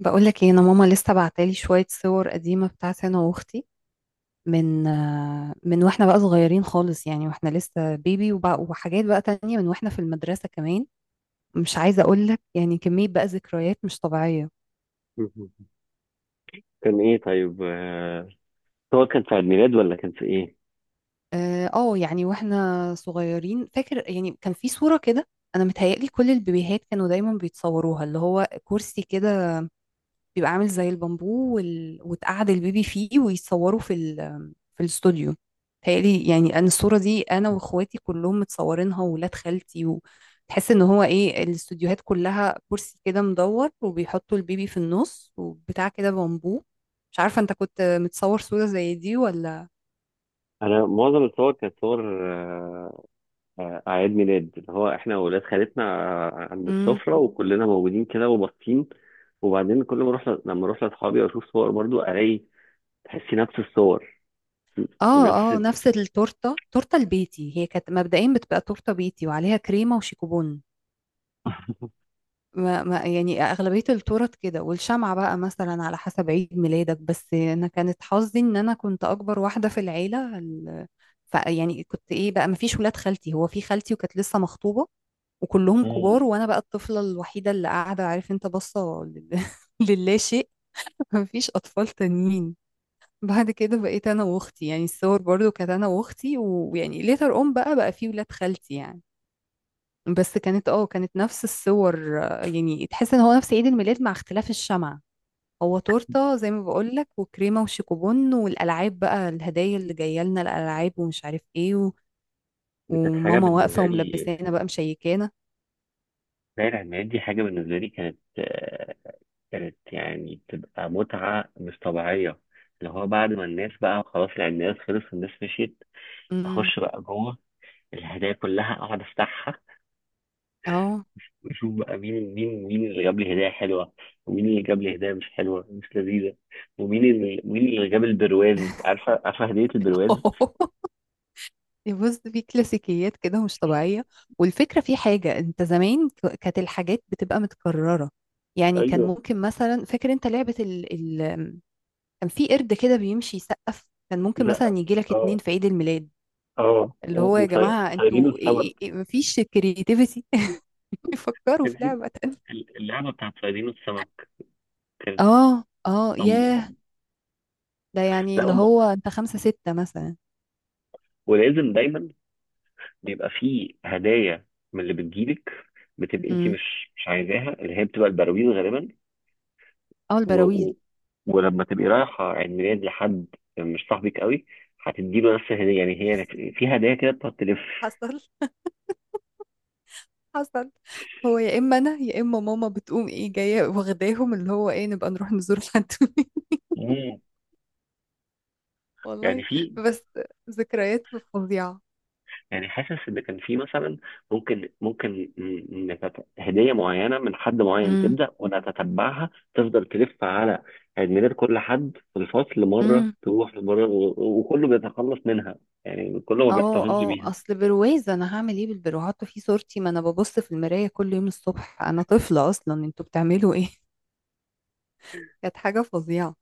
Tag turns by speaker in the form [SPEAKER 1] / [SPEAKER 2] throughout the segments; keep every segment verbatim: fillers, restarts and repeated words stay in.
[SPEAKER 1] بقولك ايه، انا ماما لسه بعتالي شوية صور قديمة بتاعتي انا واختي، من آه، من واحنا بقى صغيرين خالص. يعني واحنا لسه بيبي وبقى وحاجات بقى تانية، من واحنا في المدرسة كمان. مش عايزة اقولك يعني كمية بقى ذكريات مش طبيعية.
[SPEAKER 2] مهم. كان ايه طيب، آه، صور كانت في عيد ميلاد ولا كان في ايه؟
[SPEAKER 1] اه آه، يعني واحنا صغيرين، فاكر يعني كان في صورة كده. انا متهيألي كل البيبيهات كانوا دايما بيتصوروها، اللي هو كرسي كده بيبقى عامل زي البامبو وال... وتقعد البيبي فيه، ويتصوروا في ال... في الاستوديو. تهيألي يعني انا الصورة دي انا واخواتي كلهم متصورينها وولاد خالتي، وتحس ان هو ايه، الاستوديوهات كلها كرسي كده مدور وبيحطوا البيبي في النص وبتاع كده بامبو. مش عارفة انت كنت متصور صورة زي دي ولا.
[SPEAKER 2] انا معظم الصور كانت صور، آه، آه، اعياد ميلاد اللي هو احنا واولاد خالتنا، آه، عند
[SPEAKER 1] امم.
[SPEAKER 2] السفره وكلنا موجودين كده وباصين. وبعدين كل ما اروح ل- لما اروح لاصحابي واشوف صور برضو الاقي تحسي نفس الصور ونفس
[SPEAKER 1] اه اه،
[SPEAKER 2] ال...
[SPEAKER 1] نفس التورتة، تورتة البيتي. هي كانت مبدئيا بتبقى تورتة بيتي وعليها كريمة وشيكوبون. ما ما يعني أغلبية التورت كده، والشمعة بقى مثلا على حسب عيد ميلادك. بس أنا كانت حظي إن أنا كنت أكبر واحدة في العيلة ال- ف يعني كنت إيه بقى، مفيش ولاد خالتي، هو في خالتي وكانت لسه مخطوبة وكلهم كبار،
[SPEAKER 2] مم.
[SPEAKER 1] وأنا بقى الطفلة الوحيدة اللي قاعدة، عارف أنت، باصة لل- للا شيء. مفيش أطفال تانيين. بعد كده بقيت أنا وأختي، يعني الصور برضو كانت أنا وأختي، ويعني ليتر أون بقى بقى في ولاد خالتي يعني. بس كانت اه كانت نفس الصور. آه، يعني تحس ان هو نفس عيد الميلاد مع اختلاف الشمعة. هو تورتة زي ما بقولك، وكريمة وشيكوبون، والألعاب بقى، الهدايا اللي جاية لنا، الألعاب ومش عارف ايه و...
[SPEAKER 2] دي كانت حاجه
[SPEAKER 1] وماما واقفة
[SPEAKER 2] بالنسبه لي،
[SPEAKER 1] وملبسانا بقى مشيكانا.
[SPEAKER 2] زي العيد ميلاد دي حاجه بالنسبه لي كانت، آه، كانت يعني بتبقى متعه مش طبيعيه. اللي هو بعد ما الناس بقى خلاص العيد ميلاد خلص والناس مشيت،
[SPEAKER 1] امم.
[SPEAKER 2] اخش بقى جوه الهدايا كلها اقعد افتحها،
[SPEAKER 1] اه.
[SPEAKER 2] واشوف بقى مين مين مين اللي جاب لي هدايا حلوه، ومين اللي جاب لي هدايا مش حلوه مش لذيذه، ومين اللي مين اللي جاب البرواز، عارفه عارفه هديه البرواز.
[SPEAKER 1] بص، في كلاسيكيات كده مش طبيعية. والفكرة في حاجة، انت زمان ك- كانت الحاجات بتبقى متكررة. يعني كان
[SPEAKER 2] ايوه.
[SPEAKER 1] ممكن مثلا، فاكر انت لعبة، كان في قرد كده بيمشي يسقف، كان ممكن مثلا
[SPEAKER 2] لا.
[SPEAKER 1] يجي لك اتنين
[SPEAKER 2] اه
[SPEAKER 1] في عيد الميلاد.
[SPEAKER 2] اه
[SPEAKER 1] اللي
[SPEAKER 2] اه.
[SPEAKER 1] هو يا
[SPEAKER 2] وصي-
[SPEAKER 1] جماعة
[SPEAKER 2] صيادين
[SPEAKER 1] انتوا إيه إيه
[SPEAKER 2] السمك،
[SPEAKER 1] إيه، مفيش كرياتيفيتي يفكروا في
[SPEAKER 2] كان في
[SPEAKER 1] لعبة تانية.
[SPEAKER 2] اللعبه بتاعت صيادين السمك كانت
[SPEAKER 1] اه اه،
[SPEAKER 2] صم
[SPEAKER 1] ياه.
[SPEAKER 2] برضه.
[SPEAKER 1] ده يعني
[SPEAKER 2] لا،
[SPEAKER 1] اللي
[SPEAKER 2] أم-
[SPEAKER 1] هو انت خمسة ستة مثلا.
[SPEAKER 2] ولازم دايما بيبقى في هدايا من اللي بتجيلك، بتبقى انت
[SPEAKER 1] امم.
[SPEAKER 2] مش مش عايزاها، اللي هي بتبقى البراويز غالبا.
[SPEAKER 1] اه،
[SPEAKER 2] و...
[SPEAKER 1] البراويز.
[SPEAKER 2] و... ولما تبقي رايحة عيد ميلاد لحد مش صاحبك قوي، هتديله نفس الهدية، يعني هي في هدايا كده بتقعد تلف.
[SPEAKER 1] حصل، حصل. هو يا اما انا يا اما ماما بتقوم ايه جايه واخداهم، اللي هو ايه، نبقى نروح نزور حد.
[SPEAKER 2] مم. يعني
[SPEAKER 1] والله.
[SPEAKER 2] في،
[SPEAKER 1] بس ذكريات فظيعه.
[SPEAKER 2] يعني حاسس ان كان في مثلا ممكن ممكن ن- نتت- هدية معينة من حد معين تبدأ، ونتتبعها تفضل تلف على عيد ميلاد كل حد في الفصل، مرة
[SPEAKER 1] امم.
[SPEAKER 2] تروح لمرة و- وكله بيتخلص منها، يعني كله ما
[SPEAKER 1] اه
[SPEAKER 2] بيحتفظش
[SPEAKER 1] اه،
[SPEAKER 2] بيها.
[SPEAKER 1] اصل برواز انا هعمل ايه بالبرو، حاطه فيه صورتي، ما انا ببص في المرايه كل يوم الصبح، انا طفله اصلا، انتوا بتعملوا ايه؟ كانت حاجه فظيعه.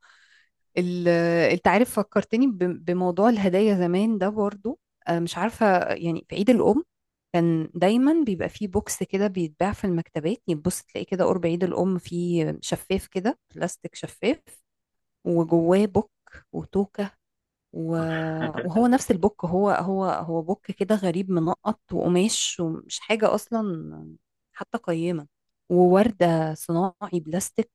[SPEAKER 1] ال- انت عارف فكرتني ب- بموضوع الهدايا زمان ده برضو. آه، مش عارفه، يعني في عيد الام كان دايما بيبقى فيه بوكس كده بيتباع في المكتبات، يتبص تلاقيه كده قرب عيد الام، فيه شفاف كده، بلاستيك شفاف، وجواه بوك، وتوكه و- وهو نفس البوك. هو هو هو بوك كده غريب، منقط وقماش ومش حاجة أصلا حتى قيمة. ووردة صناعي، بلاستيك،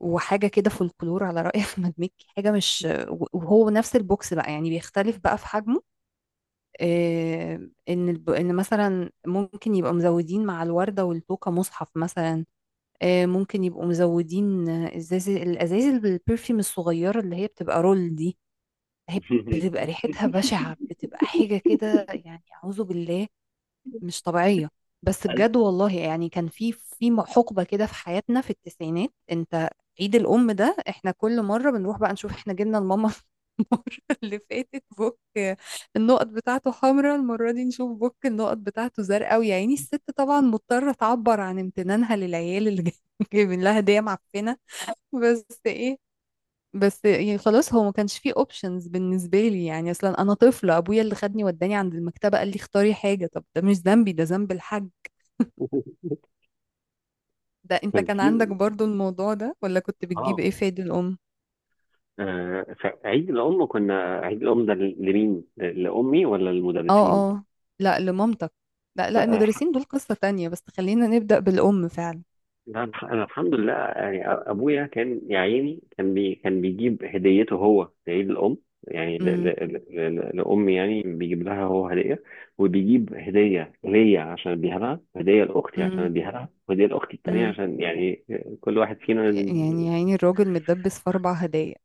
[SPEAKER 1] وحاجة كده فولكلور على رأي أحمد مكي، حاجة مش. وهو نفس البوكس بقى، يعني بيختلف بقى في حجمه. آه، إن الب... إن مثلا ممكن يبقى مزودين مع الوردة والتوكة مصحف مثلا. آه، ممكن يبقوا مزودين آه، إزاز، الأزايز البرفيوم الصغيرة اللي هي بتبقى رول دي. هي بتبقى ريحتها بشعة، بتبقى حاجة كده يعني أعوذ بالله، مش طبيعية. بس بجد والله، يعني كان في في حقبة كده في حياتنا في التسعينات. انت عيد الأم ده احنا كل مرة بنروح بقى نشوف احنا جبنا لماما المرة اللي فاتت بوك النقط بتاعته حمراء، المرة دي نشوف بوك النقط بتاعته زرقاء. ويا عيني الست طبعا مضطرة تعبر عن امتنانها للعيال اللي جايبين لها هدية معفنة. بس ايه، بس يعني خلاص، هو ما كانش فيه اوبشنز بالنسبه لي، يعني اصلا انا طفله، ابويا اللي خدني وداني عند المكتبه قال لي اختاري حاجه، طب ده مش ذنبي، ده ذنب الحاج. ده انت
[SPEAKER 2] كان
[SPEAKER 1] كان
[SPEAKER 2] في
[SPEAKER 1] عندك برضو الموضوع ده ولا، كنت بتجيب
[SPEAKER 2] اه
[SPEAKER 1] ايه في عيد الام؟
[SPEAKER 2] آه، فعيد الأم كنا، عيد الأم ده لمين؟ لأمي ولا للمدرسين؟
[SPEAKER 1] اه اه، لا لمامتك. لا لا،
[SPEAKER 2] لا الح-
[SPEAKER 1] المدرسين دول قصه تانية، بس خلينا نبدا بالام فعلا.
[SPEAKER 2] لا، الح- أنا الحمد لله يعني أ- أبويا كان يا عيني، كان بي كان بيجيب هديته هو لعيد الأم، يعني ل- ل-
[SPEAKER 1] امم.
[SPEAKER 2] ل- ل- لأمي، يعني بيجيب لها هو هدية، وبيجيب هدية ليا عشان أديها لها، هدية لأختي عشان
[SPEAKER 1] امم.
[SPEAKER 2] أديها لها، وهدية لأختي التانية
[SPEAKER 1] امم.
[SPEAKER 2] عشان يعني كل واحد فينا.
[SPEAKER 1] يعني يا عيني الراجل متدبس في اربع هدايا.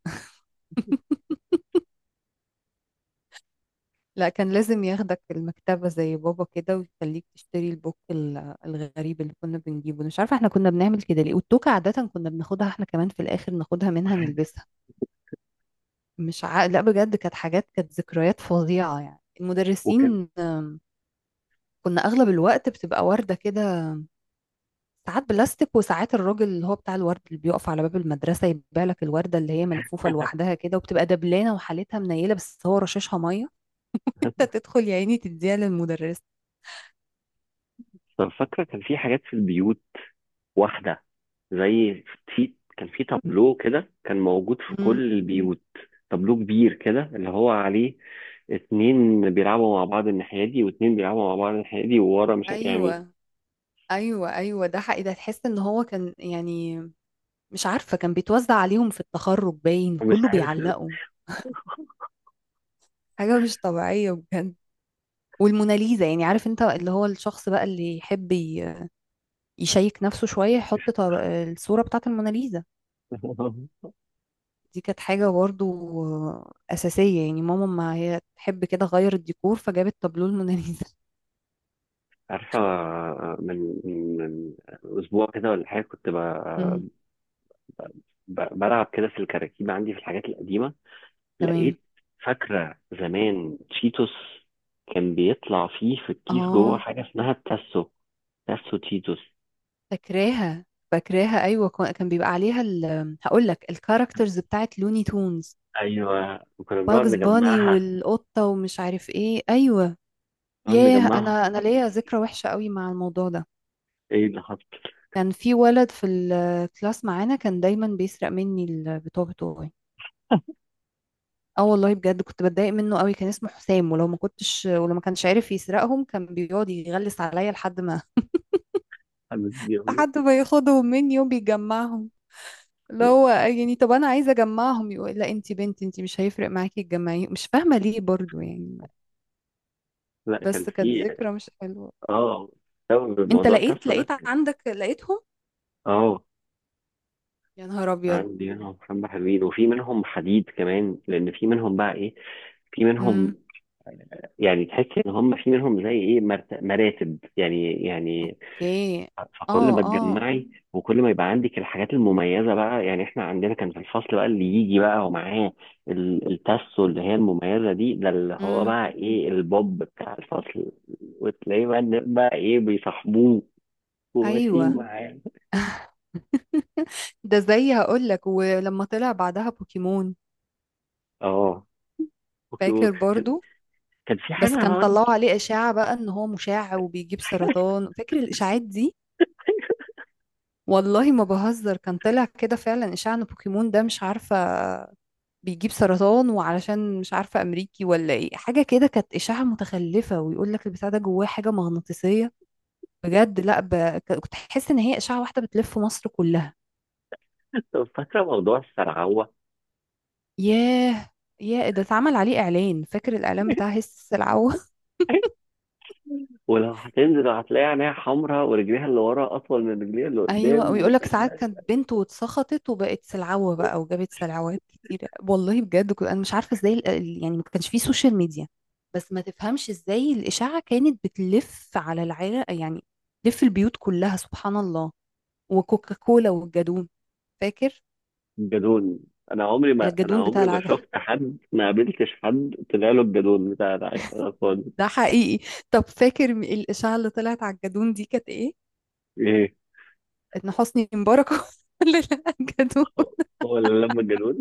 [SPEAKER 1] لا كان لازم ياخدك المكتبة زي بابا كده ويخليك تشتري البوك ال- الغريب اللي كنا بنجيبه. أنا مش عارفة احنا كنا بنعمل كده ليه. والتوكة عادة كنا بناخدها احنا كمان في الآخر، ناخدها منها نلبسها. مش ع... لا بجد كانت حاجات، كانت ذكريات فظيعة. يعني
[SPEAKER 2] وكان
[SPEAKER 1] المدرسين آم، كنا أغلب الوقت بتبقى وردة كده، ساعات بلاستيك وساعات الراجل اللي هو بتاع الورد اللي بيقف على باب المدرسة، يبيع لك الوردة اللي هي ملفوفة لوحدها كده وبتبقى دبلانة وحالتها منيلة بس هو رشاشها مية. انت تدخل يا عيني تديها للمدرس.
[SPEAKER 2] فاكرة كان في حاجات في البيوت، واحدة زي، في كان في تابلو كده كان موجود في
[SPEAKER 1] مم.
[SPEAKER 2] كل البيوت، تابلو كبير كده اللي هو عليه اتنين بيلعبوا مع بعض الناحية دي واتنين بيلعبوا مع بعض الناحية دي، وورا، مش ع- يعني
[SPEAKER 1] ايوه ايوه ايوه، ده حقيقي، ده تحس ان هو كان يعني، مش عارفه كان بيتوزع عليهم في التخرج باين،
[SPEAKER 2] مش
[SPEAKER 1] كله
[SPEAKER 2] عارف.
[SPEAKER 1] بيعلقوا. حاجه مش طبيعيه بجد. والموناليزا، يعني عارف انت اللي هو الشخص بقى اللي يحب ي- يشيك نفسه شويه يحط طب- الصوره بتاعت الموناليزا. دي كانت حاجه برضو اساسيه، يعني ماما ما هي تحب كده غير الديكور فجابت تابلو الموناليزا.
[SPEAKER 2] عارفة، من من أسبوع كده ولا حاجة كنت
[SPEAKER 1] امم.
[SPEAKER 2] ب- ب- بلعب كده في الكراكيب عندي في الحاجات القديمة،
[SPEAKER 1] تمام.
[SPEAKER 2] لقيت. فاكرة زمان تشيتوس كان بيطلع فيه في الكيس جوه
[SPEAKER 1] اه،
[SPEAKER 2] حاجة اسمها التاسو، تاسو تشيتوس،
[SPEAKER 1] فاكراها، فاكراها، ايوه كان بيبقى عليها ال... هقول لك الكاركترز بتاعت لوني تونز.
[SPEAKER 2] ايوه وكنا بنقعد
[SPEAKER 1] باجز باني
[SPEAKER 2] نجمعها،
[SPEAKER 1] والقطة ومش عارف ايه، ايوه.
[SPEAKER 2] نقعد
[SPEAKER 1] ياه،
[SPEAKER 2] نجمعها
[SPEAKER 1] انا انا
[SPEAKER 2] حتى
[SPEAKER 1] ليا
[SPEAKER 2] تيجي.
[SPEAKER 1] ذكرى وحشة قوي مع الموضوع ده.
[SPEAKER 2] ايه اللي حصل؟
[SPEAKER 1] كان في ولد في الكلاس معانا كان دايما بيسرق مني البطاقة بتوعي. اه والله بجد كنت بتضايق منه قوي، كان اسمه حسام، ولو ما كنتش، ولو ما كانش عارف يسرقهم كان بيقعد يغلس عليا لحد ما
[SPEAKER 2] حد بيغلط.
[SPEAKER 1] لحد ما ياخدهم مني وبيجمعهم. اللي هو يعني طب انا عايزه اجمعهم، يقول لا انتي بنت، انتي مش هيفرق معاكي تجمعيهم. مش فاهمه ليه برضو يعني.
[SPEAKER 2] لا، كان
[SPEAKER 1] بس كانت
[SPEAKER 2] في
[SPEAKER 1] ذكرى مش حلوه.
[SPEAKER 2] اه سبب
[SPEAKER 1] انت
[SPEAKER 2] الموضوع
[SPEAKER 1] لقيت،
[SPEAKER 2] الترسو
[SPEAKER 1] لقيت
[SPEAKER 2] ده.
[SPEAKER 1] عندك لقيتهم؟
[SPEAKER 2] اه،
[SPEAKER 1] يا نهار ابيض.
[SPEAKER 2] عندي منهم حبة حلوين، وفي منهم حديد كمان، لأن في منهم بقى إيه، في
[SPEAKER 1] امم.
[SPEAKER 2] منهم يعني تحس إن هم في منهم زي إيه مرت- مراتب يعني يعني.
[SPEAKER 1] اوكي.
[SPEAKER 2] فكل
[SPEAKER 1] اه
[SPEAKER 2] ما
[SPEAKER 1] اه.
[SPEAKER 2] تجمعي وكل ما يبقى عندك الحاجات المميزه بقى، يعني احنا عندنا كان في الفصل بقى اللي يجي بقى ومعاه ال- التاسو اللي هي المميزه دي، ده اللي هو
[SPEAKER 1] امم.
[SPEAKER 2] بقى ايه البوب بتاع الفصل، وتلاقيه بقى الناس بقى ايه بيصاحبوه وماشيين
[SPEAKER 1] ايوه.
[SPEAKER 2] معاه.
[SPEAKER 1] ده زي هقول لك، ولما طلع بعدها بوكيمون،
[SPEAKER 2] اه. اوكي.
[SPEAKER 1] فاكر
[SPEAKER 2] كان
[SPEAKER 1] برضو؟
[SPEAKER 2] كان في
[SPEAKER 1] بس
[SPEAKER 2] حاجه
[SPEAKER 1] كان
[SPEAKER 2] برضه.
[SPEAKER 1] طلعوا عليه اشاعة بقى ان هو مشع وبيجيب سرطان، فاكر الاشاعات دي؟ والله ما بهزر، كان طلع كده فعلا اشاعة ان بوكيمون ده مش عارفة بيجيب سرطان، وعلشان مش عارفة امريكي ولا ايه حاجة كده، كانت اشاعة متخلفة ويقول لك البتاع ده جواه حاجة مغناطيسية. بجد لا ب... ك- كنت حاسه ان هي اشاعه واحده بتلف مصر كلها.
[SPEAKER 2] كنت فاكره موضوع السرعوه،
[SPEAKER 1] ياه، يا ده اتعمل عليه اعلان، فاكر الاعلان بتاع هس السلعوه؟
[SPEAKER 2] ولو هتنزل هتلاقي عينيها حمراء ورجليها اللي ورا اطول من رجليها اللي
[SPEAKER 1] ايوه،
[SPEAKER 2] قدام
[SPEAKER 1] ويقول لك ساعات
[SPEAKER 2] وشكلها.
[SPEAKER 1] كانت بنت واتسخطت وبقت سلعوه بقى وجابت سلعوات كتير. والله بجد كنت انا مش عارفه ازاي ال- ال- يعني ما كانش فيه سوشيال ميديا، بس ما تفهمش ازاي الاشاعه كانت بتلف على العيله يعني، تلف البيوت كلها سبحان الله. وكوكاكولا والجدون، فاكر؟
[SPEAKER 2] جدون، انا عمري ما انا
[SPEAKER 1] الجدون بتاع
[SPEAKER 2] عمري ما
[SPEAKER 1] العجل،
[SPEAKER 2] شفت حد، ما قابلتش حد طلع له الجدون بتاع ده، يعني انا فاضي.
[SPEAKER 1] ده حقيقي. طب فاكر م- الإشاعة اللي طلعت على الجدون دي كانت إيه؟
[SPEAKER 2] ايه.
[SPEAKER 1] إن حسني مبارك هو اللي لقى الجدون.
[SPEAKER 2] هو هو اللي لما الجدون.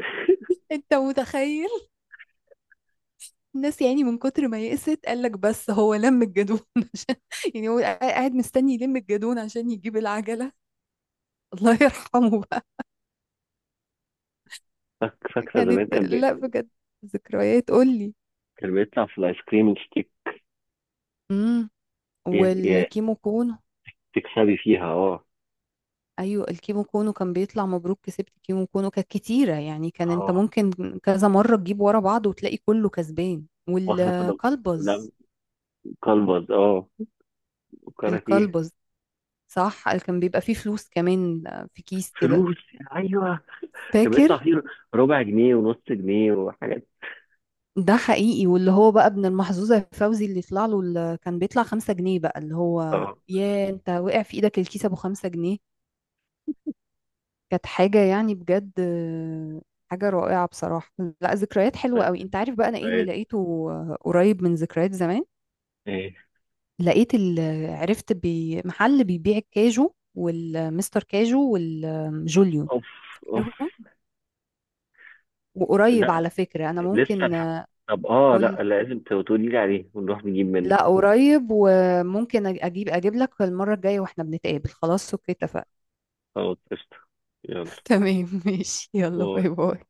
[SPEAKER 1] أنت متخيل؟ الناس يعني من كتر ما يئست قال لك بس هو لم الجدون عشان، يعني هو قاعد قاعد مستني يلم الجدون عشان يجيب العجلة. الله يرحمه بقى.
[SPEAKER 2] فاك- فاكره
[SPEAKER 1] كانت،
[SPEAKER 2] زمان كان بي...
[SPEAKER 1] لا بجد ذكريات، قول لي.
[SPEAKER 2] كان بيطلع في الايس كريم الستيك.
[SPEAKER 1] امم.
[SPEAKER 2] ي... ي...
[SPEAKER 1] والكيمو.
[SPEAKER 2] تكسبي فيها، اه.
[SPEAKER 1] ايوه الكيمو كونو، كان بيطلع مبروك كسبت كيمو كونو، كانت كتيره يعني، كان انت
[SPEAKER 2] اه.
[SPEAKER 1] ممكن كذا مره تجيب ورا بعض وتلاقي كله كسبان.
[SPEAKER 2] واحنا كنا، لا،
[SPEAKER 1] والكلبز.
[SPEAKER 2] كلبز، اه، كاراتيه.
[SPEAKER 1] الكلبز، صح، كان بيبقى فيه فلوس كمان في كيس كده،
[SPEAKER 2] فلوس، ايوه كان
[SPEAKER 1] فاكر؟
[SPEAKER 2] بيطلع فيه ربع جنيه ونص جنيه وحاجات.
[SPEAKER 1] ده حقيقي، واللي هو بقى ابن المحظوظه فوزي اللي يطلع له ال- كان بيطلع خمسة جنيه بقى، اللي هو
[SPEAKER 2] اه.
[SPEAKER 1] يا انت وقع في ايدك الكيس ابو خمسة جنيه. كانت حاجة يعني بجد آه، حاجة رائعة بصراحة. لا ذكريات حلوة قوي.
[SPEAKER 2] فاهم،
[SPEAKER 1] انت عارف بقى انا ايه اللي
[SPEAKER 2] فاهم.
[SPEAKER 1] لقيته آه، قريب من ذكريات زمان؟
[SPEAKER 2] ايه.
[SPEAKER 1] لقيت ال... عرفت بي... محل بيبيع الكاجو والمستر كاجو والجوليو،
[SPEAKER 2] اوف، اوف.
[SPEAKER 1] فاكرهم؟ وقريب على
[SPEAKER 2] لا،
[SPEAKER 1] فكرة، انا
[SPEAKER 2] لسه
[SPEAKER 1] ممكن
[SPEAKER 2] الحق. طب، اه
[SPEAKER 1] اقول،
[SPEAKER 2] لا لازم تقولي لي عليه ونروح نجيب منه.
[SPEAKER 1] لا قريب، وممكن أج- اجيب، اجيب لك المرة الجاية واحنا بنتقابل. خلاص اوكي، اتفقنا.
[SPEAKER 2] خلاص قشطة. يلا
[SPEAKER 1] تمام ماشي، يلا
[SPEAKER 2] باي.
[SPEAKER 1] باي باي.